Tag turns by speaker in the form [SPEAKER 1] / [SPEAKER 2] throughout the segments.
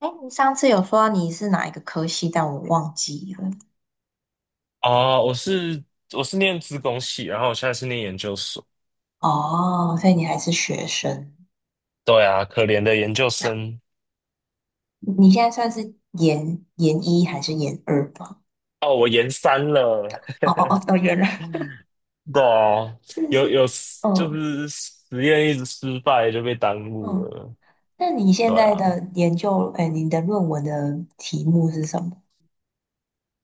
[SPEAKER 1] 哎，你上次有说你是哪一个科系，但我忘记了。
[SPEAKER 2] 哦，我是念资工系，然后我现在是念研究所。
[SPEAKER 1] 哦，所以你还是学生，
[SPEAKER 2] 对啊，可怜的研究生。
[SPEAKER 1] 你现在算是研一还是研二吧？
[SPEAKER 2] 哦，我研三了。
[SPEAKER 1] 哦，研二，
[SPEAKER 2] 对啊，
[SPEAKER 1] 是
[SPEAKER 2] 有
[SPEAKER 1] 是，
[SPEAKER 2] 有就
[SPEAKER 1] 嗯
[SPEAKER 2] 是实验一直失败就被耽误
[SPEAKER 1] 嗯。
[SPEAKER 2] 了。
[SPEAKER 1] 那你现
[SPEAKER 2] 对
[SPEAKER 1] 在
[SPEAKER 2] 啊，
[SPEAKER 1] 的研究，哎，你的论文的题目是什么？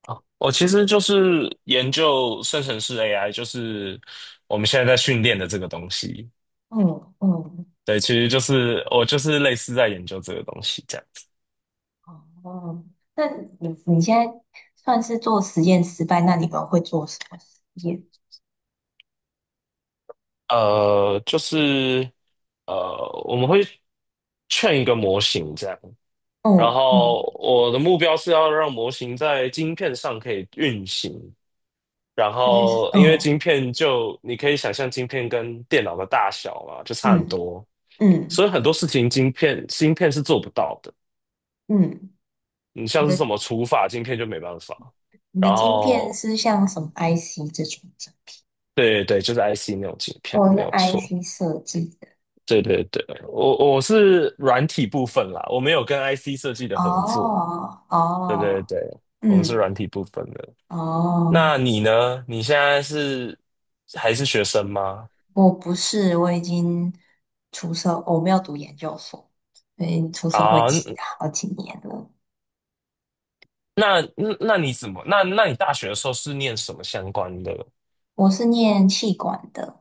[SPEAKER 2] 我其实就是研究生成式 AI，就是我们现在在训练的这个东西。
[SPEAKER 1] 嗯嗯，
[SPEAKER 2] 对，其实就是我就是类似在研究这个东西这样子。
[SPEAKER 1] 哦，那你现在算是做实验失败，那你们会做什么实验？
[SPEAKER 2] 呃，就是我们会劝一个模型这样。然
[SPEAKER 1] 嗯
[SPEAKER 2] 后
[SPEAKER 1] 嗯，
[SPEAKER 2] 我的目标是要让模型在晶片上可以运行，然
[SPEAKER 1] 所以是
[SPEAKER 2] 后因为
[SPEAKER 1] 哦
[SPEAKER 2] 晶片就你可以想象晶片跟电脑的大小嘛，就差很
[SPEAKER 1] 嗯
[SPEAKER 2] 多，
[SPEAKER 1] 嗯
[SPEAKER 2] 所以很多事情晶片芯片是做不到的。
[SPEAKER 1] 嗯嗯，
[SPEAKER 2] 你
[SPEAKER 1] 你
[SPEAKER 2] 像是什
[SPEAKER 1] 的。
[SPEAKER 2] 么除法晶片就没办法。
[SPEAKER 1] 你的
[SPEAKER 2] 然
[SPEAKER 1] 晶片
[SPEAKER 2] 后
[SPEAKER 1] 是像什么 IC 这种晶片？
[SPEAKER 2] 对对对，就是 IC 那种晶片
[SPEAKER 1] 我是
[SPEAKER 2] 没有错。
[SPEAKER 1] IC 设计的。
[SPEAKER 2] 对对对，我是软体部分啦，我没有跟 IC 设计的合作。
[SPEAKER 1] 哦
[SPEAKER 2] 对对
[SPEAKER 1] 哦，
[SPEAKER 2] 对，我们是
[SPEAKER 1] 嗯
[SPEAKER 2] 软体部分的。那
[SPEAKER 1] 哦，
[SPEAKER 2] 你呢？你现在是还是学生吗？
[SPEAKER 1] 我不是，我已经我没有读研究所，所以出社会
[SPEAKER 2] 啊，
[SPEAKER 1] 几好几年了。
[SPEAKER 2] 那你怎么？那你大学的时候是念什么相关的？
[SPEAKER 1] 我是念气管的，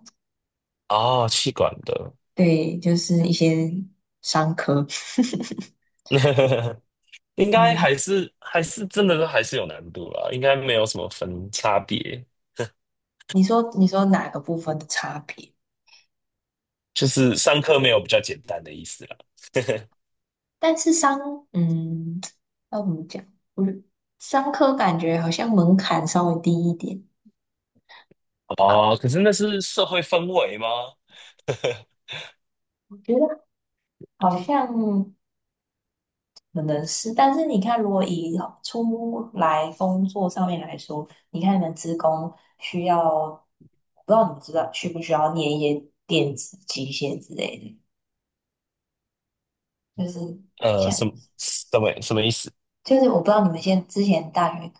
[SPEAKER 2] 哦，气管的，
[SPEAKER 1] 对，就是一些商科。
[SPEAKER 2] 应该
[SPEAKER 1] 嗯，
[SPEAKER 2] 还是真的还是有难度啦，应该没有什么分差别，
[SPEAKER 1] 你说哪个部分的差别？
[SPEAKER 2] 就是上课没有比较简单的意思啦。
[SPEAKER 1] 但是商，嗯，要怎么讲？我觉得商科感觉好像门槛稍微低一点，
[SPEAKER 2] 哦，可是那是社会氛围吗？
[SPEAKER 1] 我觉得好像可能是。但是你看，如果以出来工作上面来说，你看你们职工需要，不知道你们知道需不需要念一些电子、机械之类的，就是
[SPEAKER 2] 呃，
[SPEAKER 1] 像
[SPEAKER 2] 什么什么什么意思？
[SPEAKER 1] 就是我不知道你们现在之前大学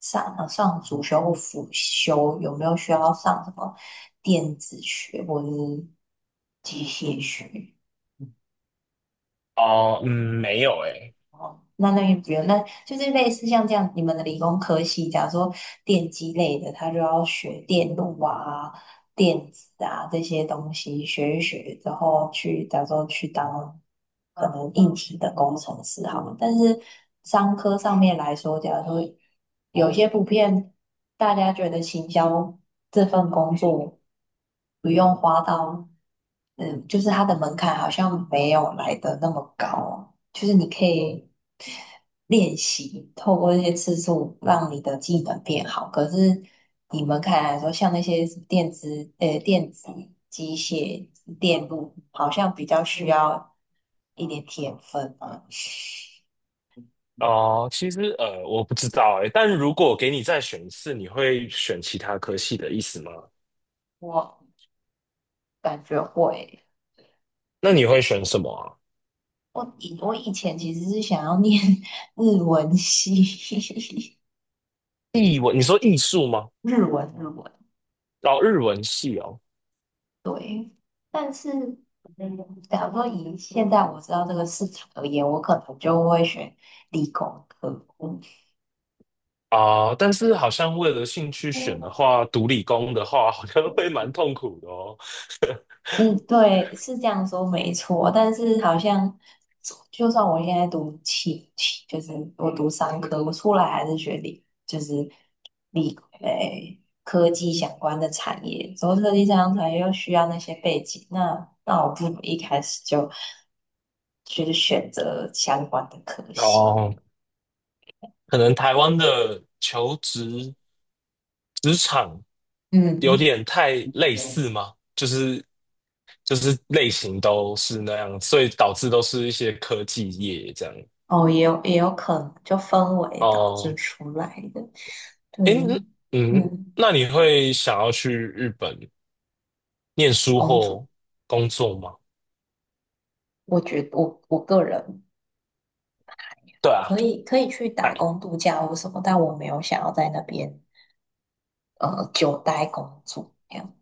[SPEAKER 1] 上主修或辅修有没有需要上什么电子学或者是机械学？
[SPEAKER 2] 哦，嗯，没有诶、
[SPEAKER 1] 那也不用，那就是类似像这样，你们的理工科系，假如说电机类的，他就要学电路啊、电子啊这些东西，学一学之后去，假如说去当可能硬体的工程师好了。但是商科上面来说，假如说有些普遍大家觉得行销这份工作不用花到，嗯，就是它的门槛好像没有来的那么高哦，就是你可以。练习，透过这些次数让你的技能变好。可是你们看来说，像那些电子、机械、电路，好像比较需要一点天分啊。
[SPEAKER 2] 哦，其实我不知道哎，但如果给你再选一次，你会选其他科系 的意思吗？
[SPEAKER 1] 我感觉会，
[SPEAKER 2] 那你会选什么啊？
[SPEAKER 1] 我以前其实是想要念 日文系，
[SPEAKER 2] 艺文，你说艺术吗？
[SPEAKER 1] 日文。
[SPEAKER 2] 哦，日文系哦，
[SPEAKER 1] 对，但是，嗯，假如说以现在我知道这个市场而言，我可能就会选理工科。
[SPEAKER 2] 啊、但是好像为了兴趣选的话，读理工的话，好像会蛮痛苦的哦。
[SPEAKER 1] 嗯，对，是这样说没错，但是好像就算我现在读气，气就是我读商科，我出来还是学理，就是理诶、科技相关的产业，做科技相关产业又需要那些背景，那我不如一开始就就是选择相关的科系。
[SPEAKER 2] 哦，可能台湾的求职职场有
[SPEAKER 1] 嗯，
[SPEAKER 2] 点太类似吗？就是类型都是那样，所以导致都是一些科技业这样。
[SPEAKER 1] 哦，也有可能，就氛围导致
[SPEAKER 2] 哦，
[SPEAKER 1] 出来的。对，
[SPEAKER 2] 诶，
[SPEAKER 1] 于
[SPEAKER 2] 嗯，
[SPEAKER 1] 嗯，
[SPEAKER 2] 那你会想要去日本念书
[SPEAKER 1] 公主，
[SPEAKER 2] 或工作吗？
[SPEAKER 1] 我觉得我个人
[SPEAKER 2] 对啊，
[SPEAKER 1] 可以去打
[SPEAKER 2] 哎，
[SPEAKER 1] 工度假或什么，但我没有想要在那边呃久待工作这样。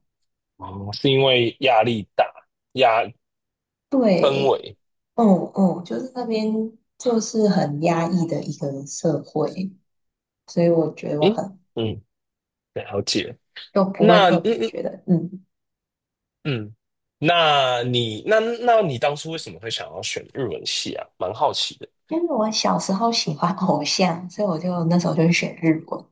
[SPEAKER 2] 哦，是因为压力大，压氛
[SPEAKER 1] 对，
[SPEAKER 2] 围，
[SPEAKER 1] 嗯嗯，就是那边就是很压抑的一个社会，所以我觉得我可
[SPEAKER 2] 嗯
[SPEAKER 1] 能
[SPEAKER 2] 嗯，了解。
[SPEAKER 1] 就不会
[SPEAKER 2] 那嗯
[SPEAKER 1] 特别
[SPEAKER 2] 嗯
[SPEAKER 1] 觉得，嗯，
[SPEAKER 2] 嗯，那你那那你当初为什么会想要选日文系啊？蛮好奇的。
[SPEAKER 1] 因为我小时候喜欢偶像，所以我就那时候就选日文。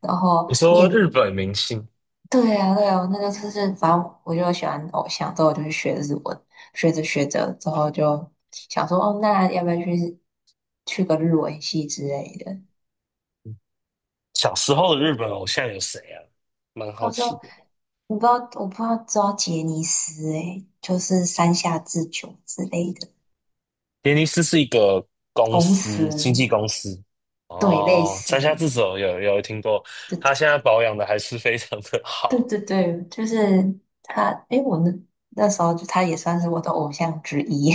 [SPEAKER 1] 然后
[SPEAKER 2] 你说日
[SPEAKER 1] 念
[SPEAKER 2] 本明星，
[SPEAKER 1] 对呀，对呀，我那个就是反正我就喜欢偶像，之后我就去学日文，学着学着之后就想说，哦，那要不要去个日文系之类的？
[SPEAKER 2] 小时候的日本偶像有谁啊？蛮
[SPEAKER 1] 到
[SPEAKER 2] 好
[SPEAKER 1] 时候
[SPEAKER 2] 奇的。
[SPEAKER 1] 我不知道，我不知道知道杰尼斯诶，就是山下智久之类的
[SPEAKER 2] 杰尼斯是一个公
[SPEAKER 1] 公司，
[SPEAKER 2] 司，经纪公司。
[SPEAKER 1] 对，类
[SPEAKER 2] 哦，
[SPEAKER 1] 似，
[SPEAKER 2] 山下智久有听过，他现在
[SPEAKER 1] 对
[SPEAKER 2] 保养的还是非常的
[SPEAKER 1] 对
[SPEAKER 2] 好。
[SPEAKER 1] 对对，就是他，诶，那时候就他也算是我的偶像之一，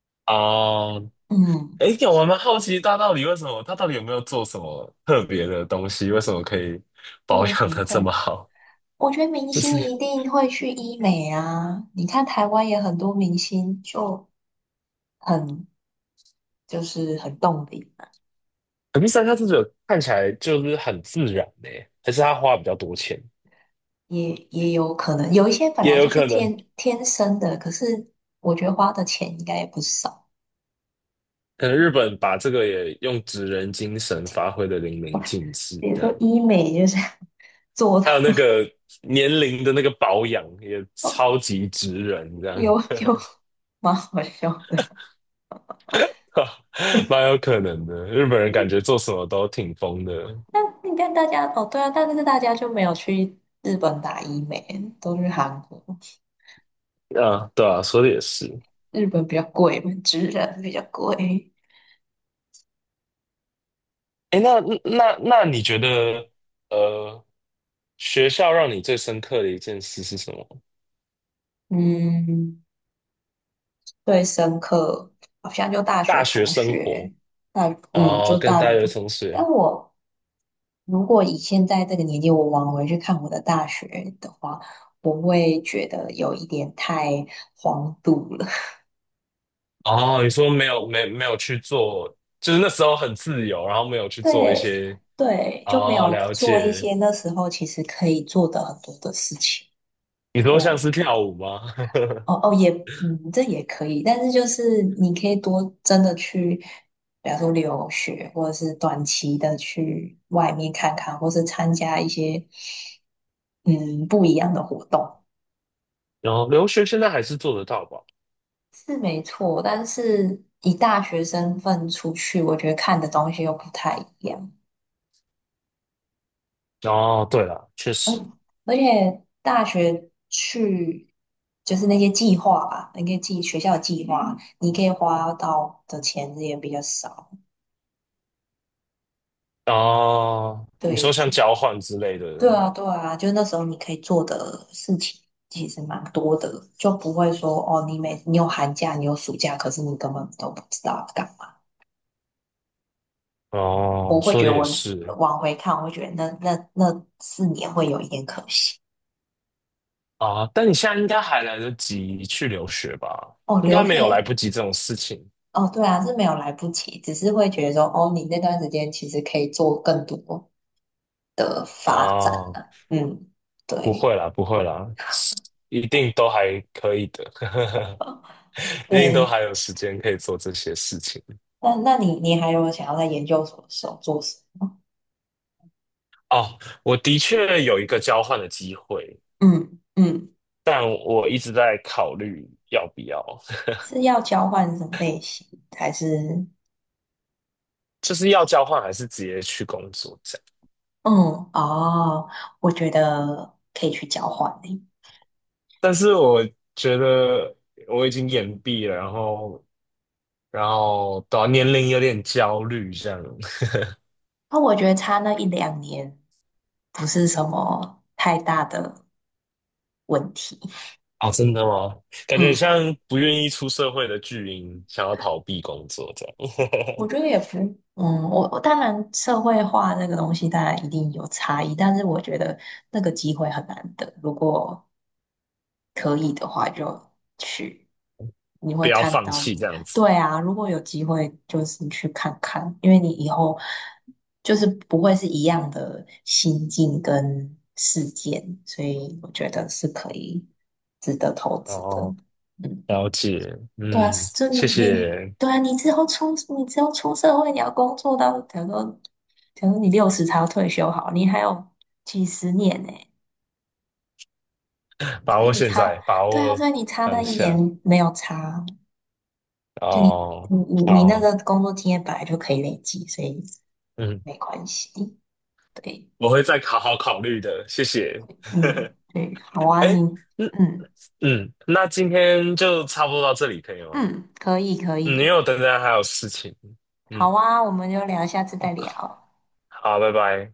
[SPEAKER 2] 哦，
[SPEAKER 1] 嗯，
[SPEAKER 2] 哎，我蛮好奇大到底为什么，他到底有没有做什么特别的东西？为什么可以保
[SPEAKER 1] 我了什
[SPEAKER 2] 养
[SPEAKER 1] 么
[SPEAKER 2] 的这
[SPEAKER 1] 特
[SPEAKER 2] 么好？
[SPEAKER 1] 我觉得明
[SPEAKER 2] 就
[SPEAKER 1] 星
[SPEAKER 2] 是，
[SPEAKER 1] 一定会去医美啊，你看台湾也很多明星很就很动笔，
[SPEAKER 2] 可是山下智久看起来就是很自然呢，还是他花比较多钱？
[SPEAKER 1] 也有可能有一些本
[SPEAKER 2] 也
[SPEAKER 1] 来就
[SPEAKER 2] 有
[SPEAKER 1] 是
[SPEAKER 2] 可能，
[SPEAKER 1] 天天生的，可是我觉得花的钱应该也不少。
[SPEAKER 2] 可能日本把这个也用职人精神发挥的淋漓尽致，
[SPEAKER 1] 比如
[SPEAKER 2] 这
[SPEAKER 1] 说
[SPEAKER 2] 样。
[SPEAKER 1] 医美就是 做的，
[SPEAKER 2] 还有那个年龄的那个保养也超 级直人，这样，
[SPEAKER 1] 有有蛮好笑的。
[SPEAKER 2] 蛮有可能的。日本人感觉做什么都挺疯的，
[SPEAKER 1] 那你看大家哦，对啊，但是大家就没有去日本打医美，都去韩国。
[SPEAKER 2] 啊，对啊，说的也是。
[SPEAKER 1] 日本比较贵嘛，直人比较贵。
[SPEAKER 2] 哎，那你觉得，呃，学校让你最深刻的一件事是什么？
[SPEAKER 1] 嗯，最深刻好像就大
[SPEAKER 2] 大
[SPEAKER 1] 学
[SPEAKER 2] 学
[SPEAKER 1] 同
[SPEAKER 2] 生活
[SPEAKER 1] 学，
[SPEAKER 2] 哦，
[SPEAKER 1] 就
[SPEAKER 2] 跟
[SPEAKER 1] 大
[SPEAKER 2] 大
[SPEAKER 1] 学
[SPEAKER 2] 学
[SPEAKER 1] 同。
[SPEAKER 2] 同
[SPEAKER 1] 但
[SPEAKER 2] 学
[SPEAKER 1] 我如果以现在这个年纪，我往回去看我的大学的话，我会觉得有一点太荒度了。
[SPEAKER 2] 哦，你说没有去做，就是那时候很自由，然后没有 去做一
[SPEAKER 1] 对
[SPEAKER 2] 些
[SPEAKER 1] 对，就没
[SPEAKER 2] 哦，
[SPEAKER 1] 有
[SPEAKER 2] 了
[SPEAKER 1] 做一
[SPEAKER 2] 解。
[SPEAKER 1] 些那时候其实可以做的很多的事情。
[SPEAKER 2] 你说像
[SPEAKER 1] 我。
[SPEAKER 2] 是跳舞吗？
[SPEAKER 1] 哦哦，也，嗯，这也可以，但是就是你可以多真的去，比方说留学，或者是短期的去外面看看，或是参加一些嗯不一样的活动，
[SPEAKER 2] 哦，留学现在还是做得到吧？
[SPEAKER 1] 是没错。但是以大学身份出去，我觉得看的东西又不太一样，
[SPEAKER 2] 哦，对了，确实。
[SPEAKER 1] 而且大学去就是那些计划吧，那个计学校计划，你可以花到的钱也比较少。
[SPEAKER 2] 哦，你说
[SPEAKER 1] 对，
[SPEAKER 2] 像交换之类
[SPEAKER 1] 对
[SPEAKER 2] 的，
[SPEAKER 1] 啊，对啊，就那时候你可以做的事情其实蛮多的，就不会说哦，你有寒假，你有暑假，可是你根本都不知道要干嘛。
[SPEAKER 2] 哦，
[SPEAKER 1] 我会
[SPEAKER 2] 说
[SPEAKER 1] 觉
[SPEAKER 2] 的
[SPEAKER 1] 得
[SPEAKER 2] 也
[SPEAKER 1] 我
[SPEAKER 2] 是
[SPEAKER 1] 往回看，我会觉得那四年会有一点可惜。
[SPEAKER 2] 啊。但你现在应该还来得及去留学吧？
[SPEAKER 1] 哦，
[SPEAKER 2] 应该
[SPEAKER 1] 留
[SPEAKER 2] 没有来
[SPEAKER 1] 学，
[SPEAKER 2] 不及这种事情
[SPEAKER 1] 哦，对啊，是没有来不及，只是会觉得说，哦，你那段时间其实可以做更多。
[SPEAKER 2] 啊。
[SPEAKER 1] 嗯，
[SPEAKER 2] 不
[SPEAKER 1] 对
[SPEAKER 2] 会啦，不会啦，一定都还可以的，一定都
[SPEAKER 1] 对。
[SPEAKER 2] 还有时间可以做这些事情。
[SPEAKER 1] 那你还有想要在研究所的时候做什
[SPEAKER 2] 哦，我的确有一个交换的机会，
[SPEAKER 1] 么？嗯嗯，
[SPEAKER 2] 但我一直在考虑要不要。
[SPEAKER 1] 是要交换什么类型，还是？
[SPEAKER 2] 就是要交换还是直接去工作这样。
[SPEAKER 1] 嗯，哦，我觉得可以去交换诶。
[SPEAKER 2] 但是我觉得我已经延毕了，然后到年龄有点焦虑这样。
[SPEAKER 1] 那我觉得差那一两年不是什么太大的问题。
[SPEAKER 2] 哦，真的吗？感觉
[SPEAKER 1] 嗯，
[SPEAKER 2] 像不愿意出社会的巨婴，想要逃避工作这样，
[SPEAKER 1] 我觉得也不，嗯，我当然社会化那个东西当然一定有差异，但是我觉得那个机会很难得。如果可以的话就去，你 会
[SPEAKER 2] 不要
[SPEAKER 1] 看
[SPEAKER 2] 放弃
[SPEAKER 1] 到，
[SPEAKER 2] 这样子。
[SPEAKER 1] 对啊，如果有机会就是去看看，因为你以后就是不会是一样的心境跟事件，所以我觉得是可以值得投资的。
[SPEAKER 2] 哦，
[SPEAKER 1] 嗯，
[SPEAKER 2] 了解，
[SPEAKER 1] 对啊，
[SPEAKER 2] 嗯，
[SPEAKER 1] 就你
[SPEAKER 2] 谢
[SPEAKER 1] 你
[SPEAKER 2] 谢，
[SPEAKER 1] 对啊，你之后出社会，你要工作到，假如说你60才要退休，好，你还有几十年呢、
[SPEAKER 2] 把
[SPEAKER 1] 所以
[SPEAKER 2] 握
[SPEAKER 1] 你
[SPEAKER 2] 现
[SPEAKER 1] 差，
[SPEAKER 2] 在，把
[SPEAKER 1] 对啊，
[SPEAKER 2] 握
[SPEAKER 1] 所以你差那
[SPEAKER 2] 当
[SPEAKER 1] 一
[SPEAKER 2] 下。
[SPEAKER 1] 年没有差，就你
[SPEAKER 2] 哦，
[SPEAKER 1] 你你你那
[SPEAKER 2] 好，
[SPEAKER 1] 个工作经验本来就可以累积，所以
[SPEAKER 2] 嗯，
[SPEAKER 1] 没关系。对，
[SPEAKER 2] 我会再好好考虑的，谢谢。
[SPEAKER 1] 嗯，对，好啊，你，
[SPEAKER 2] 哎。那
[SPEAKER 1] 嗯
[SPEAKER 2] 嗯，那今天就差不多到这里，可以吗？
[SPEAKER 1] 嗯，可以可
[SPEAKER 2] 嗯，因
[SPEAKER 1] 以，
[SPEAKER 2] 为我等等还有事情。嗯，
[SPEAKER 1] 好啊，我们就聊，下次
[SPEAKER 2] 我
[SPEAKER 1] 再
[SPEAKER 2] 靠。
[SPEAKER 1] 聊。
[SPEAKER 2] 好，拜拜。